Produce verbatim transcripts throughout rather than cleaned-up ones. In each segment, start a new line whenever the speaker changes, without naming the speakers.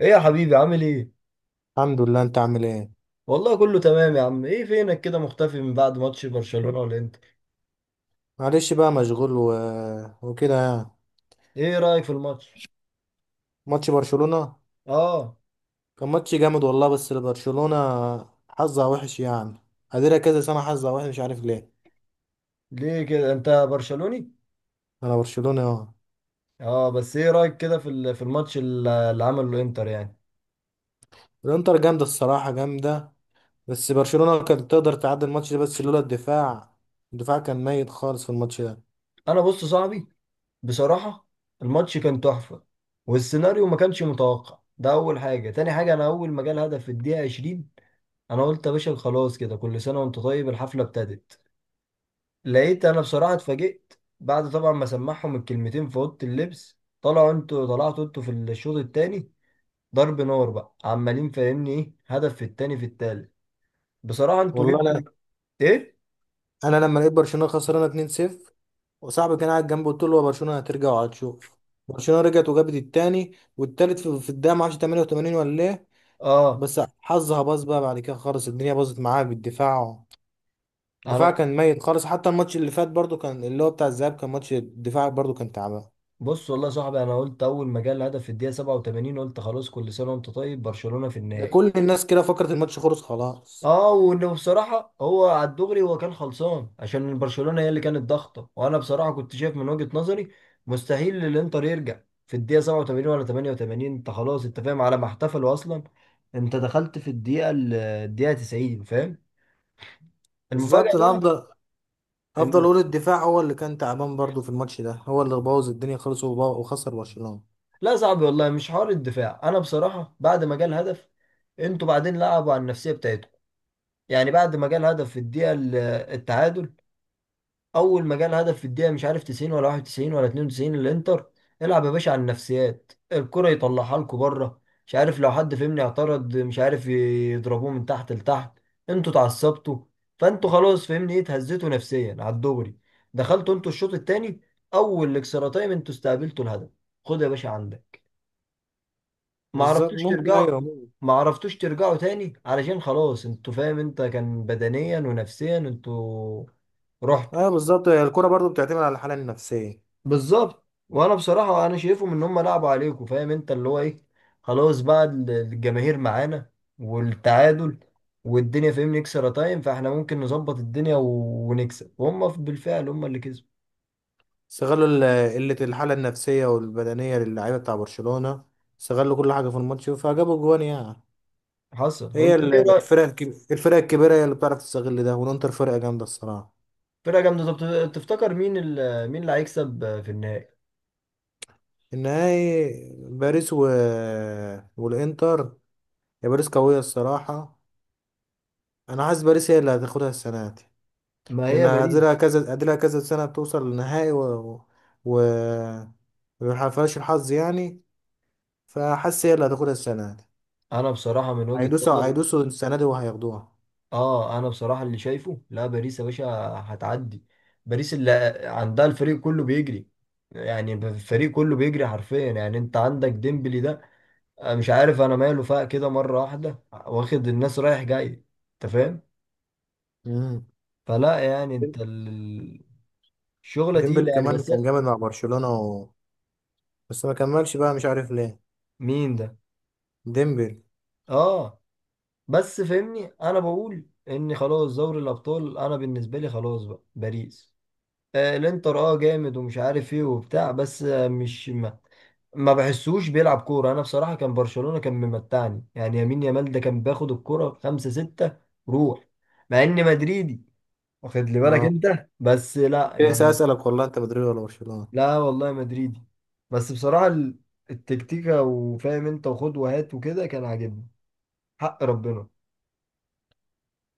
ايه يا حبيبي؟ عامل ايه؟
الحمد لله. انت عامل ايه؟
والله كله تمام يا عم، ايه فينك كده مختفي من بعد ماتش برشلونة والانتر؟
معلش بقى مشغول و... وكده يعني.
ايه رأيك في الماتش؟
ماتش برشلونة
اه.
كان ماتش جامد والله. بس برشلونة حظها وحش يعني، قادرة كذا سنة حظها وحش مش عارف ليه.
ليه كده، انت برشلوني؟
انا برشلونة اه.
اه بس ايه رأيك كده في ال- في الماتش ال- اللي عمله الانتر يعني؟
الانتر جامدة الصراحة، جامدة. بس برشلونة كانت تقدر تعدي الماتش ده بس لولا الدفاع. الدفاع كان ميت خالص في الماتش ده.
انا بص صاحبي، بصراحة الماتش كان تحفة، والسيناريو ما كانش متوقع، ده اول حاجة. تاني حاجة، انا اول ما جه الهدف في الدقيقة عشرين انا قلت يا باشا خلاص، كده كل سنة وانت طيب، الحفلة ابتدت. لقيت انا بصراحه اتفاجئت بعد طبعا ما سمعهم الكلمتين في اوضه اللبس، طلعوا انتوا، طلعتوا انتوا في الشوط الثاني ضرب نار بقى، عمالين فاهمني ايه، هدف في الثاني في الثالث. بصراحه انتوا
والله
جبتوا
انا
ايه.
انا لما لقيت برشلونة خسرانة اتنين صفر، وصاحبي كان قاعد جنبي قلت له هو برشلونة هترجع وهتشوف. برشلونة رجعت وجابت التاني والتالت في في الدقيقة ما اعرفش تمانية وتمانين ولا ايه.
اه.
بس حظها باظ بقى بعد كده خالص، الدنيا باظت معاها بالدفاع. الدفاع
انا
كان ميت خالص. حتى الماتش اللي فات برضو كان اللي هو بتاع الذهاب، كان ماتش الدفاع برضو كان تعبان.
بص والله يا صاحبي، انا قلت اول ما جه الهدف في الدقيقه سبعة وثمانين قلت خلاص كل سنه وانت طيب، برشلونه في
ده
النهائي.
كل الناس كده فكرت الماتش خلص خلاص.
اه، وانه بصراحه هو على الدغري هو كان خلصان، عشان برشلونه هي اللي كانت ضاغطه، وانا بصراحه كنت شايف من وجهه نظري مستحيل الانتر يرجع في الدقيقه سبعة وثمانين ولا ثمانية وثمانين. انت خلاص انت فاهم، على ما احتفلوا اصلا انت دخلت في الدقيقه ال- الدقيقه تسعين، فاهم؟ المفاجاه
بالظبط. انا
بقى.
هفضل هفضل
إن-
اقول الدفاع هو اللي كان تعبان برضو في الماتش ده، هو اللي بوظ الدنيا خالص وب- وخسر برشلونة.
لا، صعب والله، مش حوار الدفاع. انا بصراحه بعد ما جه الهدف انتوا بعدين لعبوا على النفسيه بتاعتكم. يعني بعد ما جه الهدف في الدقيقه ال- التعادل، اول ما جال هدف في الدقيقه مش عارف تسعين ولا واحد وتسعين ولا اتنين وتسعين الانتر، العب يا باشا على النفسيات، الكره يطلعها لكم بره. مش عارف، لو حد فهمني اعترض، مش عارف يضربوه من تحت لتحت. انتوا اتعصبتوا، فانتوا خلاص فهمني ايه، اتهزيتوا نفسيا على الدغري، دخلتوا انتوا الشوط الثاني، اول اكسترا تايم انتوا استقبلتوا الهدف، خد يا باشا عندك. ما
بالظبط،
عرفتوش
ممكن،
ترجعوا،
ايوه ممكن.
ما عرفتوش ترجعوا تاني، علشان خلاص انتوا فاهم انت، كان بدنيا ونفسيا انتوا رحتوا.
ايوه بالظبط، هي الكرة برضو بتعتمد على الحالة النفسية.
بالظبط. وانا بصراحه انا شايفهم ان هم لعبوا عليكم، فاهم انت اللي هو ايه، خلاص بقى ال- الجماهير معانا والتعادل والدنيا فاهمني اكسترا تايم، فاحنا ممكن نظبط الدنيا و- ونكسب، وهم ف- بالفعل هم اللي كسبوا.
استغلوا ال- قلة الحالة النفسية والبدنية للاعيبة بتاع برشلونة، استغلوا كل حاجة في الماتش فجابوا جوان يعني.
حصل،
هي
انت
ال-
ايه رايك؟
الفرق الكب- الفرق الكبيرة هي اللي بتعرف تستغل ده. والانتر فرقة جامدة الصراحة.
فرقه جامده. طب تفتكر مين ال- مين اللي هيكسب في النهائي؟
النهائي باريس و... والانتر. يا باريس قوية الصراحة. انا حاسس باريس هي اللي هتاخدها السنة دي،
ما
لان
هي باريس.
قادلها كذا قادلها كذا سنة توصل للنهائي و و ومحققهاش الحظ يعني. فحاسس هي اللي هتاخدها السنة دي.
انا بصراحه من وجهه
هيدوسوا
نظري،
هيدوسوا السنة دي وهياخدوها.
اه انا بصراحه اللي شايفه، لا باريس يا باشا هتعدي. باريس اللي عندها الفريق كله بيجري، يعني الفريق كله بيجري حرفيا، يعني انت عندك ديمبلي ده، أنا مش عارف انا، ماله فاق كده مره واحده واخد الناس رايح جاي، انت فاهم.
مم.
فلا يعني انت ال- الشغله
ديمبلي
تقيله يعني
كمان
بس.
كان جامد مع برشلونة و... بس ما كملش بقى مش عارف ليه.
مين ده؟
ديمبلي.
اه. بس فهمني انا بقول ان خلاص دوري الابطال انا بالنسبه لي خلاص بقى باريس. آه الانتر اه جامد ومش عارف ايه وبتاع بس آه، مش ما بحسوش بيلعب كورة. أنا بصراحة كان برشلونة كان ممتعني يعني، يمين يامال ده كان بياخد الكورة خمسة ستة روح، مع إني مدريدي، واخد لي بالك
اه،
أنت، بس لا
لسه
يعني.
اسالك والله، انت مدريد ولا برشلونه؟
لا والله مدريدي بس بصراحة ال- التكتيكة وفاهم أنت، وخد وهات وكده، كان عاجبني. حق ربنا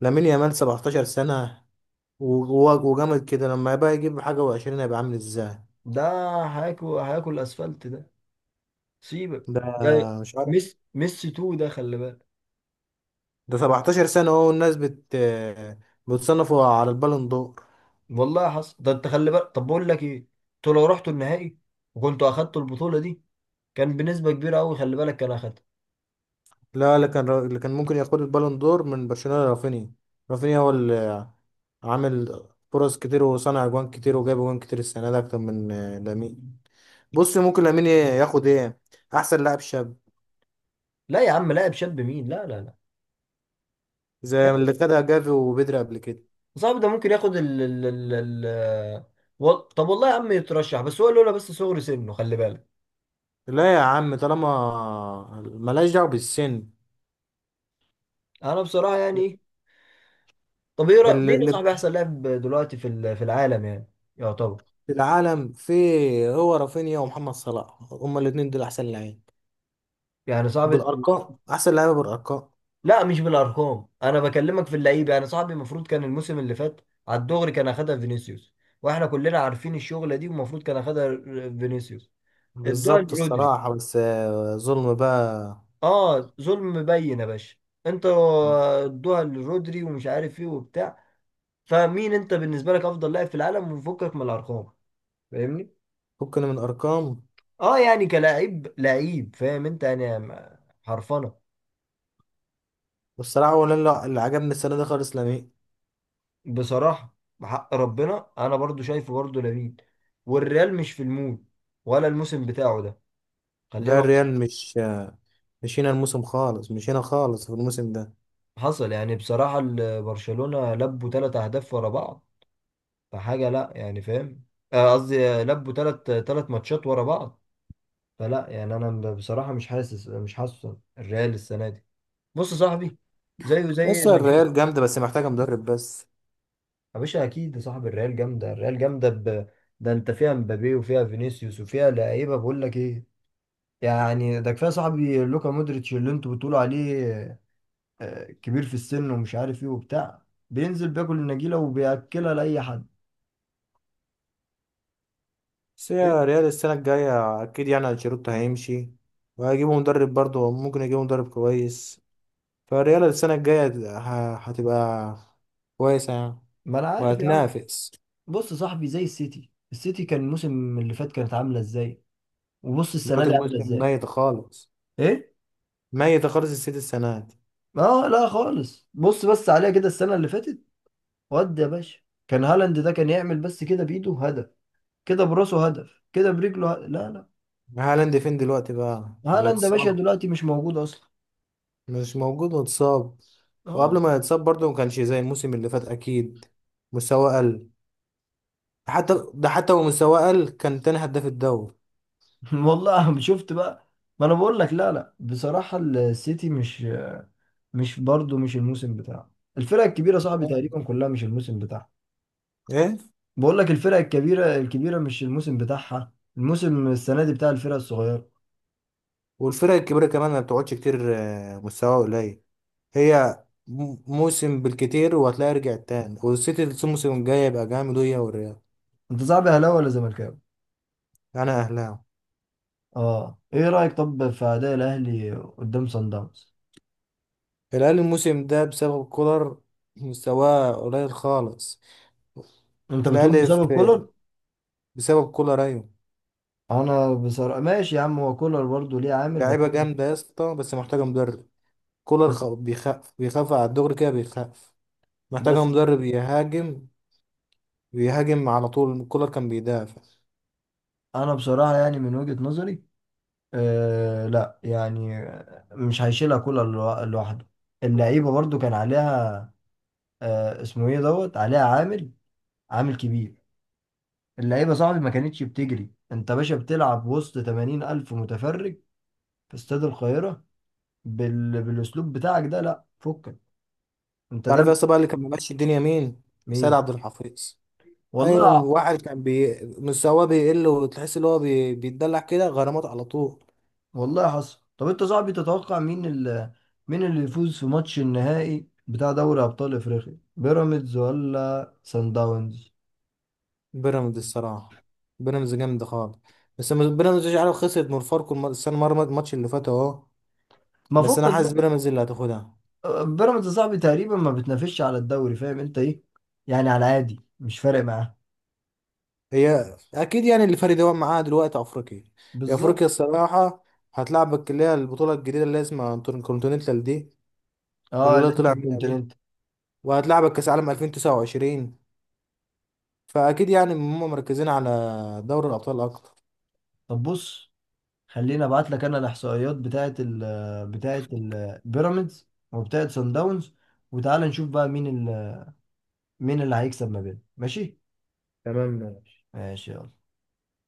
لامين يامال سبعتاشر سنة سنه و- و- وجامد كده. لما يبقى يجيب حاجه و20 هيبقى عامل ازاي؟
ده هياكل، هياكل أسفلت ده.
ده
سيبك، ده
مش عارف،
ميسي، ميسي تو ده، خلي بالك.
ده سبعتاشر سنة سنه اهو، الناس بت بتصنفه على البالون دور.
والله حصل ده، أنت خلي بالك. طب بقول لك إيه، أنتوا لو رحتوا النهائي وكنتوا أخدتوا البطولة دي، كان بنسبة كبيرة أوي خلي بالك كان أخدها.
لا، اللي كان اللي كان ممكن ياخد البالون دور من برشلونه رافينيا رافينيا هو اللي عامل فرص كتير وصنع اجوان كتير وجاب اجوان كتير السنه دي اكتر من لامين. بص، ممكن لامين ياخد ايه؟ احسن لاعب شاب،
لا يا عم، لاعب شاب مين، لا لا لا.
زي
ياخد،
اللي خدها جافي وبدري قبل كده.
صعب ده، ممكن ياخد ال ال ال ال و... طب والله يا عم يترشح، بس هو لولا بس صغر سنه خلي بالك.
لا يا عم، طالما ملهاش دعوة بالسن.
أنا بصراحة يعني إيه، طب إيه رأ-
ال-
مين يا
اللي
صاحبي أحسن لاعب دلوقتي في ال- في العالم يعني، يعتبر.
في العالم فيه هو رافينيا ومحمد صلاح، هما الاتنين دول أحسن لعيب
يعني صعب الت-
بالأرقام، أحسن لعيبة بالأرقام.
لا مش بالأرقام، أنا بكلمك في اللعيبة، يعني صاحبي المفروض كان الموسم اللي فات على الدغري كان أخدها فينيسيوس، واحنا كلنا عارفين الشغلة دي، والمفروض كان أخدها فينيسيوس. ادوها
بالظبط
لرودري.
الصراحة. بس آه، ظلم بقى.
اه ظلم مبين يا باشا، انتوا ادوها لرودري ومش عارف ايه وبتاع. فمين انت بالنسبه لك افضل لاعب في العالم، وفكك من الارقام فاهمني.
فكنا من أرقام.
اه يعني كلاعب لعيب فاهم انت، يعني م- حرفنه.
والصراحة ولا لا، اللي عجبني السنة دي خالص لامين.
بصراحه بحق ربنا انا برضو شايفه برضو لامين، والريال مش في المود ولا الموسم بتاعه ده،
لا
خلينا.
الريال مش آه، مش هنا الموسم خالص، مش هنا خالص في الموسم ده.
حصل. يعني بصراحه ال- برشلونه لبوا ثلاث اهداف ورا بعض، فحاجه لا يعني فاهم. آه، قصدي آه، لبوا ثلاث ثلاث ماتشات ورا بعض. فلا يعني انا ب- بصراحه مش حاسس، مش حاسس الريال السنه دي. بص يا صاحبي زيه
بس
زي مانشستر.
الريال جامدة بس محتاجة مدرب بس.
يا باشا اكيد يا صاحبي الريال جامده، الريال جامده ب... ده انت فيها مبابي وفيها فينيسيوس وفيها لعيبه، بقول لك ايه، يعني ده كفايه يا صاحبي لوكا مودريتش اللي انتوا بتقولوا عليه آه، كبير في السن ومش عارف ايه وبتاع، بينزل بياكل النجيله وبياكلها لاي حد.
بس هي ريال السنة الجاية أكيد، يعني أنشيلوتي هيمشي وهيجيبوا مدرب، برضه ممكن يجيبوا مدرب كويس. فالريال السنة الجاية ه- هتبقى كويسة يعني،
ما انا عارف يا عم.
وهتنافس.
بص يا صاحبي زي السيتي، السيتي كان الموسم اللي فات كانت عامله ازاي، وبص السنه
دلوقتي
دي عامله
الموسم
ازاي.
ميت خالص.
ايه.
ميت خالص السيتي السنة دي.
اه لا خالص، بص بس عليها كده السنة اللي فاتت ودي يا باشا، كان هالاند ده كان يعمل بس كده بإيده هدف، كده براسه هدف، كده برجله هدف. لا لا.
هالاند فين دلوقتي بقى؟
هالاند يا باشا
متصاب.
دلوقتي مش موجود أصلا.
مش موجود، متصاب.
اه.
وقبل ما يتصاب برضه ما كانش زي الموسم اللي فات أكيد، مستواه قل. حتى ده حتى ومستواه قل كان تاني هداف الدوري.
والله شفت بقى، ما أنا بقول لك، لا لا بصراحة السيتي مش، مش برضه مش الموسم بتاعه، الفرق الكبيرة صاحبي تقريبا كلها مش الموسم بتاعها.
إيه.
بقول لك الفرق الكبيرة الكبيرة مش الموسم بتاعها، الموسم السنة دي بتاع الفرق الصغيرة.
والفرق الكبيرة كمان ما بتقعدش كتير آه، مستوى قليل. هي م- موسم بالكتير وهتلاقي رجعت تاني، والسيتي الموسم الجاي يبقى جامد، وهي والريال.
أنت صاحبي أهلاوي ولا زملكاوي؟
أنا أهلاوي.
اه ايه رأيك طب في اداء الاهلي قدام صن داونز؟
الأهلي الموسم ده بسبب كولر مستواه قليل خالص.
انت بتقول
الأهلي
بسبب
في-
كولر.
بسبب كولر أيوة.
انا بصراحة ماشي يا عم، هو كولر برضه ليه عامل، بس
لعيبة
أنا-
جامدة يا اسطى، بس محتاجة مدرب. كولر خ-
بس
بيخاف، بيخاف على الدغري كده بيخاف. محتاجة
بس
مدرب يهاجم، بيهاجم على طول. كولر كان بيدافع.
انا بصراحة يعني من وجهة نظري، آه لا يعني مش هيشيلها كولر لو- لوحده، اللعيبة برضه كان عليها، آه اسمه ايه دوت عليها، عامل، عامل كبير. اللعيبة صاحبي ما كانتش بتجري، انت باشا بتلعب وسط تمانين ألف متفرج في استاد القاهرة بال... بالاسلوب بتاعك ده، لا فكك انت ده.
تعرف يا اسطى بقى اللي كان ماشي الدنيا مين؟ سيد
مين؟
عبد الحفيظ. ايوه،
والله.
واحد كان بي... مستواه بيقل وتحس ان هو بي... بيتدلع كده، غرامات على طول.
والله حصل. طب انت صاحبي تتوقع مين اللي مين اللي يفوز في ماتش النهائي بتاع دوري ابطال افريقيا، بيراميدز ولا سان داونز؟
بيراميدز الصراحه. بيراميدز جامد خالص. بس م- بيراميدز مش عارف خسرت من فاركو الم- السنه مره، الماتش اللي فات اهو.
ما
بس انا
فكك
حاسس
بقى.
بيراميدز اللي هتاخدها.
بيراميدز يا صاحبي تقريبا ما بتنافسش على الدوري، فاهم انت ايه، يعني على العادي مش فارق معاه.
هي اكيد، يعني اللي فارق هو معاها دلوقتي افريقيا. هي افريقيا
بالظبط.
الصراحه. هتلعبك اللي هي البطوله الجديده اللي اسمها انتر كونتيننتال دي،
اه
اللي
الانتر
طلع منها دي،
كونتيننتال.
وهتلعبك كاس عالم ألفين وتسعة وعشرين. فاكيد يعني هم مركزين على دوري الابطال اكتر.
طب بص، خليني ابعت لك انا الاحصائيات بتاعه ال بتاعه ال- بيراميدز وبتاعه سان داونز، وتعالى نشوف بقى مين ال- مين اللي هيكسب ما بينهم، ماشي؟
تمام، ماشي.
ماشي، يلا.